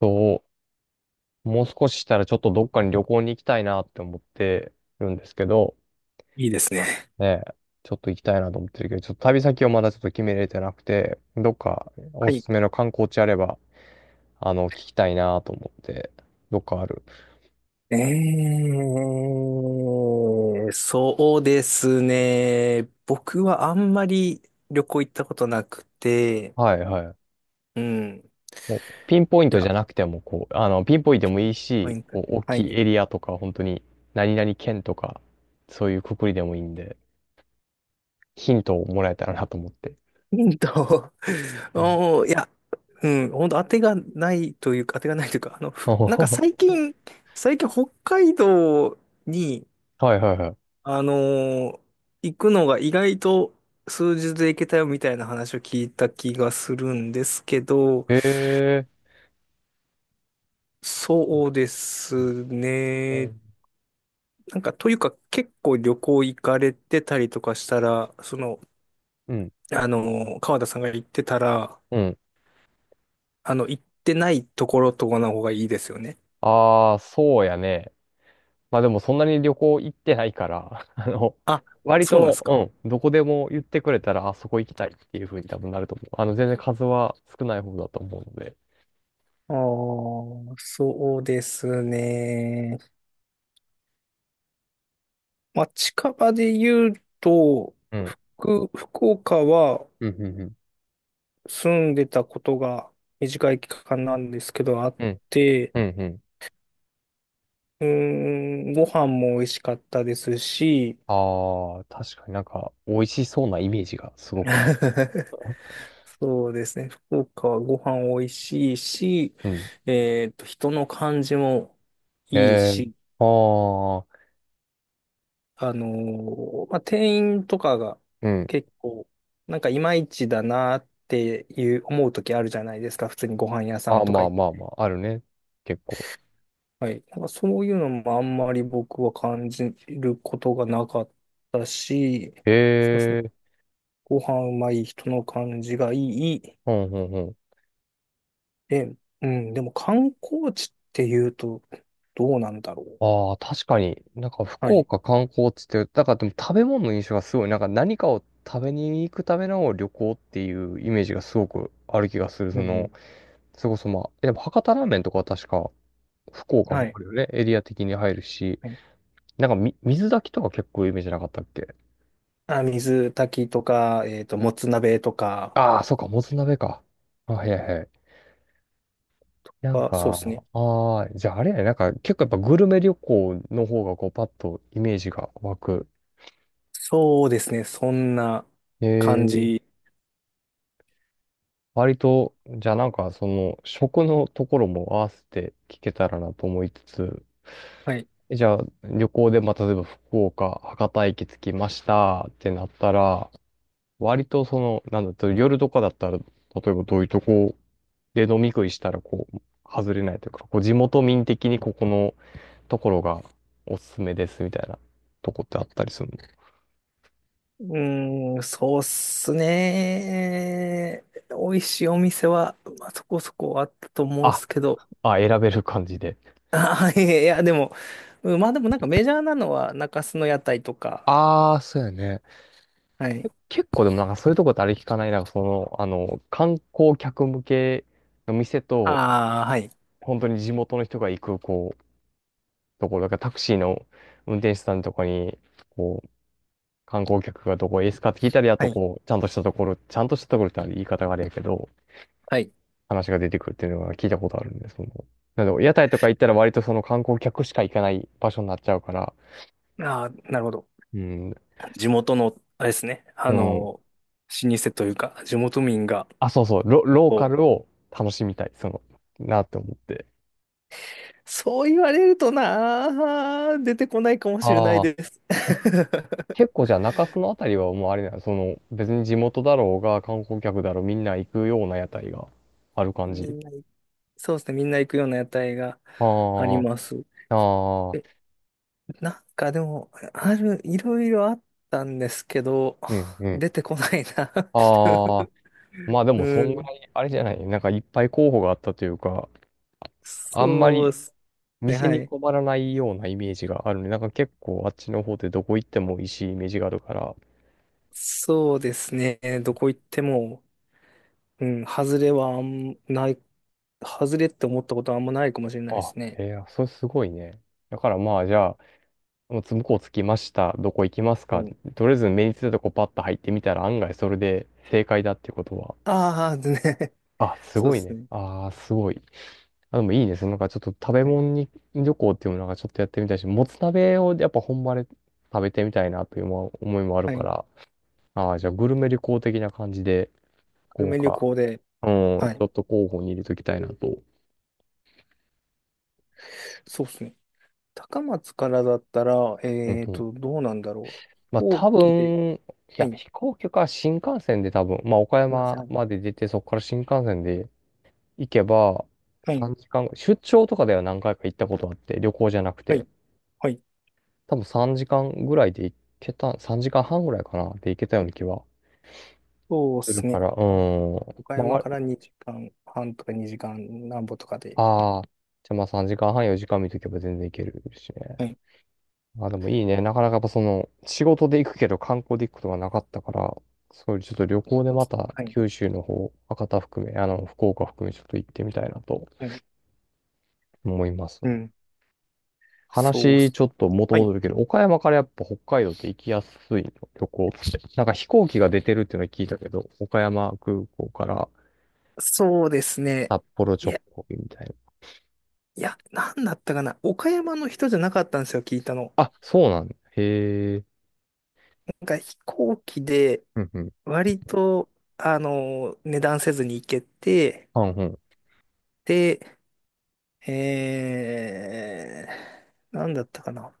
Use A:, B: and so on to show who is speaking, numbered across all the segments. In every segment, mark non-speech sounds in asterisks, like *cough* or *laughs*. A: そう、もう少ししたらちょっとどっかに旅行に行きたいなって思ってるんですけど、
B: いいですね。
A: ねえ、ちょっと行きたいなと思ってるけど、ちょっと旅先をまだちょっと決めれてなくて、どっかお
B: は
A: す
B: い。
A: すめの観光地あれば、聞きたいなと思って、どっかある？
B: えそうですね。僕はあんまり旅行行ったことなくて、
A: はいはい。
B: うん。
A: もうピンポイン
B: い
A: トじ
B: や、
A: ゃなくても、こう、ピンポイントでもいい
B: は
A: し、
B: い。
A: こう、大
B: は
A: きいエ
B: い。
A: リアとか、本当に、何々県とか、そういうくくりでもいいんで、ヒントをもらえたらなと思って。
B: ヒント、*laughs*
A: うん。
B: おー、いや、うん、本当当てがないというか、当てがないというか、なんか
A: *laughs*
B: 最近北海道に、
A: はいはいはい。
B: あのー行くのが意外と数日で行けたよみたいな話を聞いた気がするんですけど、
A: ええ。
B: そうです
A: う
B: ね。
A: ん。
B: なんか、というか、結構旅行行かれてたりとかしたら、
A: うん。
B: 川田さんが行ってたら、
A: うん。
B: 行ってないところとかの方がいいですよね。
A: ああ、そうやね。まあでもそんなに旅行行ってないから、*laughs*
B: あ、
A: 割
B: そうなんで
A: と、
B: すか。
A: うん、どこでも言ってくれたら、あそこ行きたいっていう風に多分なると思う。全然数は少ない方だと思うので。
B: ああ、そうですね。まあ、近場で言うと、
A: うん。
B: 僕福岡は
A: うん、うん、うん。
B: 住んでたことが短い期間なんですけどあっ
A: うん、
B: て、
A: うん、うん。
B: うーん、ご飯も美味しかったですし、
A: ああ、確かになんか、美味しそうなイメージがすごくある。
B: *laughs* そうですね。福岡はご飯美味しいし、
A: うん。
B: 人の感じも
A: え
B: いい
A: え。
B: し、
A: ああ、
B: あのまあ、店員とかが
A: うん。
B: 結構、なんかいまいちだなっていう思う時あるじゃないですか。普通にご飯屋さん
A: あ、
B: と
A: ま
B: か
A: あ
B: 行って。
A: まあまあ、あるね。結構。
B: はい。なんかそういうのもあんまり僕は感じることがなかったし、そうですね。
A: ええ。
B: ご飯うまい、人の感じがいい。
A: うん、うん。
B: で、うん、でも観光地っていうと、どうなんだろう。
A: ああ、確かに。なんか
B: は
A: 福
B: い。
A: 岡観光地って、だからでも食べ物の印象がすごい、なんか何かを食べに行くための旅行っていうイメージがすごくある気がする。
B: う
A: そ
B: ん。
A: の、それこそまあ、やっぱ博多ラーメンとかは確か福岡
B: は
A: も
B: い。
A: あるよね。エリア的に入るし、
B: はい。
A: なんか、水炊きとか結構イメージなかったっけ？
B: あ、水炊きとか、もつ鍋とか
A: ああー、そうか、もつ鍋か。あ、はいはいはい。なん
B: が、そうですね。
A: か、ああ、じゃああれやね、なんか結構やっぱグルメ旅行の方がこうパッとイメージが湧く。
B: そうですね。そんな感
A: ええ。
B: じ。
A: 割と、じゃあなんかその食のところも合わせて聞けたらなと思いつつ、
B: はい。
A: じゃあ旅行で、まあ、例えば福岡、博多駅着きましたってなったら、割とその、なんだと、夜とかだったら、例えばどういうとこで飲み食いしたらこう、外れないというか、こう地元民的にここのところがおすすめですみたいなとこってあったりするの？
B: うーん、そうっすね。美味しいお店は、まあ、そこそこあったと思うんで
A: あ、
B: すけど。
A: あ、選べる感じで。
B: あ、いや、いやでも、うん、まあでもなんかメジャーなのは中洲の屋台とか。
A: ああ、そうやね。
B: はい。
A: 結構でもなんかそういうとこってあれ聞かない？なんかその、観光客向けの店と、
B: ああ、はい。
A: 本当に地元の人が行く、こう、ところ、だからタクシーの運転手さんとかに、こう、観光客がどこへですかって聞いたり、あ
B: は
A: と
B: い。
A: こう、ちゃんとしたところ、ちゃんとしたところってあれ言い方があれやけど、
B: はい。
A: 話が出てくるっていうのが聞いたことあるんで、その、なんで屋台とか行ったら割とその観光客しか行かない場所になっちゃうから、
B: ああ、なるほど。
A: うん、
B: 地元の、あれですね。あ
A: うん。
B: の、老舗というか、地元民が、
A: あ、そうそう、ロー
B: こ
A: カ
B: う、
A: ルを楽しみたい、その、なって思って。
B: そう言われるとなあ、出てこないかもしれない
A: あ
B: で
A: あ。
B: す。*laughs*
A: 結構じゃあ中洲のあたりはもうあれだよ。その別に地元だろうが観光客だろうみんな行くような屋台がある感
B: み
A: じ。
B: んな、そうですね。みんな行くような屋台があり
A: あ
B: ます。
A: あ、あ
B: え、
A: あ、
B: なんかでも、いろいろあったんですけど、
A: うんうん。
B: 出てこないな
A: ああ、まあで
B: *laughs* う
A: もそんぐ
B: ん。
A: らいあれじゃない。なんかいっぱい候補があったというか、あんま
B: そうで
A: り
B: すね。
A: 店
B: は
A: に
B: い。
A: 困らないようなイメージがあるね。なんか結構あっちの方でどこ行っても美味しいイメージがあるから。
B: そうですね。どこ行っても、うん、外れはあんない、外れって思ったことはあんまないかもしれないで
A: あ、
B: すね。
A: えー、それすごいね。だからまあじゃあ、もうつ向こう着きました。どこ行きます
B: は
A: か？
B: い。
A: とりあえず目についたとこパッと入ってみたら案外それで正解だっていうことは。
B: ああ、でね、
A: あ、
B: *laughs*
A: す
B: そう
A: ご
B: で
A: い
B: す
A: ね。
B: ね。
A: ああ、すごい。あ、でもいいね。そのなんかちょっと食べ
B: はい。
A: 物に旅行っていうのなんかちょっとやってみたいし、もつ鍋をやっぱ本場で食べてみたいなという思いもある
B: は
A: か
B: い。
A: ら。ああ、じゃあグルメ旅行的な感じで、
B: 久留
A: こう
B: 米旅
A: か。
B: 行で、
A: うん、
B: は
A: ち
B: い。
A: ょっと候補に入れときたいなと。
B: そうですね。高松からだったら、
A: うんうん。
B: どうなんだろう。飛
A: まあ
B: 行
A: 多
B: 機で、
A: 分、い
B: は
A: や、
B: い。す
A: 飛行機か新幹線で多分、まあ岡山
B: ん。
A: まで出て、そこから新幹線で、行けば、
B: はい。
A: 3時間出張とかでは何回か行ったことあって、旅行じゃなく
B: は
A: て、
B: い。はい。はい。
A: 多分3時間ぐらいで行けた、3時間半ぐらいかな、で行けたような気は
B: そうで
A: する
B: す
A: か
B: ね。
A: ら、う
B: 多分
A: ーん。
B: 岡
A: ま
B: 山
A: あ、
B: から2時間半とか2時間なんぼとかで、
A: ああー、じゃあまあ3時間半、4時間見とけば全然行けるしね。
B: はい。
A: まあでもいいね。なかなかやっぱその、仕事で行くけど観光で行くことがなかったから、そういうちょっと旅行で
B: は
A: ま
B: い。
A: た
B: はい。
A: 九州の方、博多含め、福岡含めちょっと行ってみたいなと
B: はい。
A: 思います。
B: うん。そうっ
A: 話
B: す。
A: ちょっと元
B: はい。
A: 戻るけど、岡山からやっぱ北海道って行きやすいの、旅行って。*laughs* なんか飛行機が出てるっていうのは聞いたけど、岡山空港から
B: そうですね。
A: 札幌
B: い
A: 直行みたいな。
B: いや、なんだったかな。岡山の人じゃなかったんですよ、聞いたの。
A: あ、そうなんだ。へえ。
B: なんか飛行機で、
A: うんうん。
B: 割と、値段せずに行けて、
A: あ、うんうん。
B: で、えなんだったかな。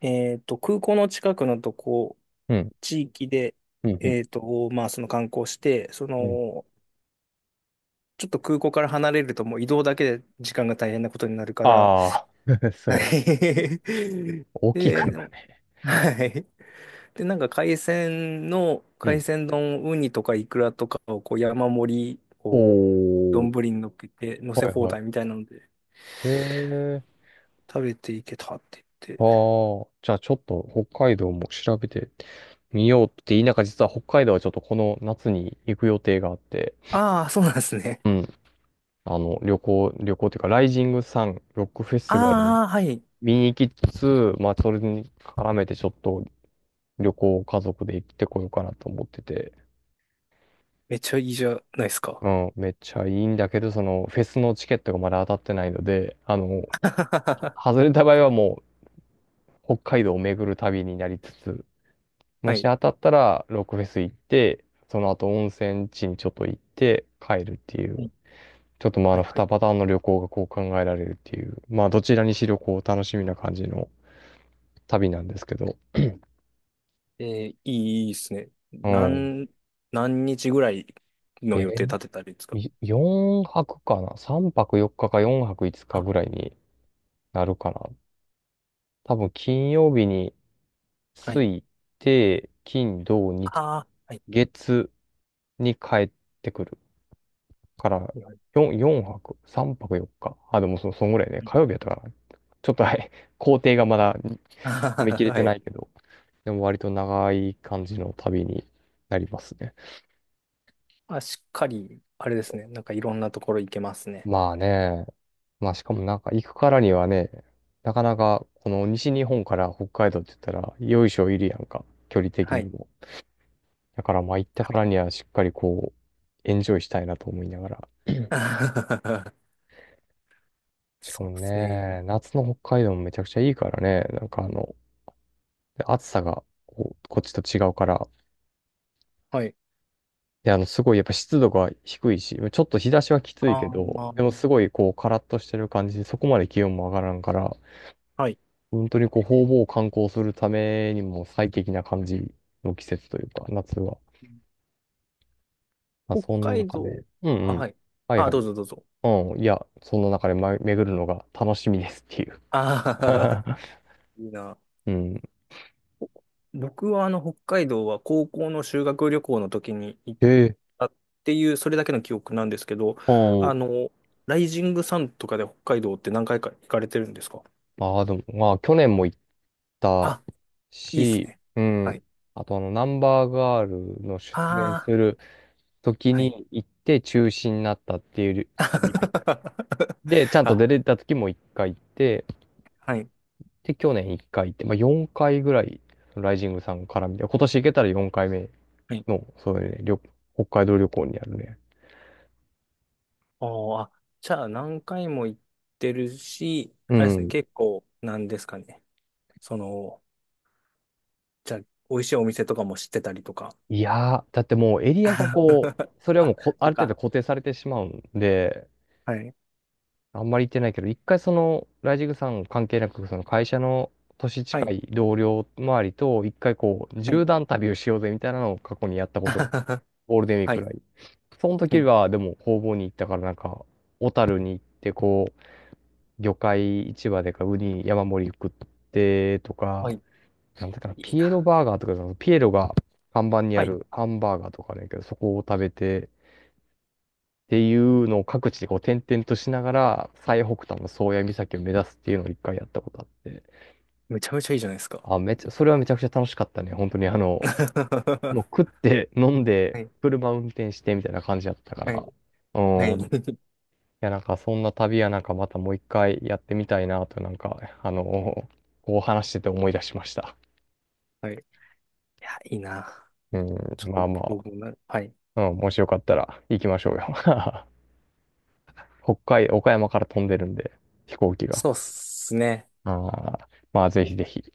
B: 空港の近くのとこ、
A: うん。
B: 地域で、
A: うんうん。
B: まあ、その観光して、ちょっと空港から離れるともう移動だけで時間が大変なことになるから、はい。
A: ああ、*laughs* そうや。
B: *laughs*
A: 大きいか
B: で、
A: らね。
B: はい。で、なんか
A: う
B: 海
A: ん。
B: 鮮丼、ウニとかイクラとかをこう山盛り、こう、
A: お
B: 丼
A: ー。
B: に乗っけて、乗せ
A: はい
B: 放
A: はい。
B: 題みたいなので、
A: へえ。
B: 食べていけたって言っ
A: あ
B: て。
A: あ。じゃあちょっと北海道も調べてみようって言いながら、実は北海道はちょっとこの夏に行く予定があって。
B: ああ、そうなんですね。
A: うん。旅行というか、ライジングサン、ロックフェスティバル
B: ああ、はい。
A: 見に行きつつ、まあ、それに絡めてちょっと旅行を家族で行ってこようかなと思ってて、
B: めっちゃいいじゃないですか。
A: うん、めっちゃいいんだけど、その、フェスのチケットがまだ当たってないので、
B: *laughs*
A: 外れた場合はもう、北海道を巡る旅になりつつ、も
B: は
A: し
B: い。
A: 当たったら、ロックフェス行って、その後温泉地にちょっと行って帰るってい
B: は
A: う、
B: い、
A: ちょっとまあ、
B: はい。
A: 2
B: はい。
A: パターンの旅行がこう考えられるっていう、まあ、どちらにしろこう、楽しみな感じの、旅なんですけど。
B: いいですね。
A: うん。
B: 何日ぐらいの
A: え
B: 予定立てたりですか？
A: 4泊かな ?3 泊4日か4泊5日
B: あ、
A: ぐらいになるかな。多分金曜日に
B: は
A: 着
B: い。
A: いて、金、土、日、
B: ああ、はい。
A: 月に帰ってくるから、
B: はい。は
A: 4泊 ?3 泊4日。あ、でもそんぐらいね。
B: い。
A: 火曜日やったから、ちょっとはい、工程がまだ見切
B: *laughs*
A: れ
B: は
A: てな
B: い。
A: いけど、でも割と長い感じの旅になりますね。
B: あ、しっかり、あれですね。なんかいろんなところ行けますね。
A: まあね、まあしかもなんか行くからにはね、なかなかこの西日本から北海道って言ったら、よいしょいるやんか、距離的
B: は
A: に
B: い。
A: も。だからまあ行ったからにはしっかりこう、エンジョイしたいなと思いながら。
B: *laughs*
A: しか
B: そ
A: も
B: うです
A: ね、
B: ね。
A: 夏の北海道もめちゃくちゃいいからね、なんかで暑さがこう、こっちと違うから、
B: はい。
A: で、すごいやっぱ湿度が低いし、ちょっと日差しはきついけ
B: あ
A: ど、
B: あ、
A: でもすごいこう、カラッとしてる感じで、そこまで気温も上がらんから、
B: はい。
A: 本当にこう、方々を観光するためにも最適な感じの季節というか、夏は。まあ、
B: 北
A: その
B: 海
A: 中
B: 道。
A: で、うん
B: あ、
A: うん。
B: はい。
A: はい
B: あ、
A: は
B: ど
A: い。
B: うぞどうぞ。
A: うん、いや、その中で、ま、巡るのが楽しみですっていう。
B: ああ、
A: *laughs*
B: *laughs* いいな。
A: うん。
B: お僕はあの北海道は高校の修学旅行の時に行っ
A: ええ。
B: たっていう、それだけの記憶なんですけど、
A: う
B: あ
A: ん。
B: の、ライジングサンとかで北海道って何回か行かれてるんですか？
A: まあでも、まあ去年も行った
B: あ、いいです
A: し、
B: ね。
A: う
B: は
A: ん。
B: い。
A: あと、ナンバーガールの出演す
B: あ
A: る時
B: あ、はい。
A: に行って中止になったっていう
B: *laughs*
A: 旅が一回。で、ちゃんと
B: あ、
A: 出れた時も一回行って、
B: はい。
A: で、去年1回行って、まあ、4回ぐらい、ライジングさんから見て、今年行けたら4回目
B: はい。
A: の、そういうね、旅、北海道旅行になるね。
B: おー、あ、じゃあ何回も行ってるし、
A: う
B: あれですね、
A: ん。
B: 結構、なんですかね。その、じゃあ、美味しいお店とかも知ってたりとか。
A: いやー、だってもうエリアがこ
B: *laughs*
A: う、それはもう
B: あ、そ
A: あ
B: っ
A: る程
B: か。
A: 度固定されてしまうんで、
B: はい。
A: あんまり行ってないけど、一回その、ライジングさん関係なく、その会社の年
B: は
A: 近
B: い。
A: い同僚周りと、一回こう、
B: は
A: 縦
B: い。
A: 断旅をしようぜみたいなのを過去にやったことが、
B: *laughs*
A: ゴールデンウィーク
B: は
A: く
B: い。
A: らい。その
B: は
A: 時
B: い。
A: は、でも、工房に行ったから、なんか、小樽に行って、こう、魚介市場でかウニ山盛り食ってと
B: は
A: か、
B: い。
A: なんだかな、
B: いい
A: ピエロ
B: な。
A: バーガーとか、そのピエロが看板にあ
B: はい。
A: るハンバーガーとかあるんやけど、そこを食べて、っていうのを各地でこう点々としながら、最北端の宗谷岬を目指すっていうのを一回やったことあって、
B: めちゃめちゃいいじゃないですか。
A: あ、めっちゃ、それはめちゃくちゃ楽しかったね。本当に
B: *laughs* は
A: もう食って飲んで、
B: い。
A: 車運転してみたいな感じだったか
B: はい。
A: ら、
B: は
A: う
B: い。
A: ん。
B: *laughs*
A: や、なんかそんな旅はなんかまたもう一回やってみたいなと、なんか、あの *laughs* こう話してて思い出しました。
B: はい。いや、いいな。
A: *laughs* うん、
B: ちょっ
A: まあ
B: と
A: ま
B: 僕もな、はい。
A: あ、うん、もしよかったら行きましょうよ。*laughs* 岡山から飛んでるんで、飛行機が。
B: そうっすね。
A: ああまあ、ぜひぜひ。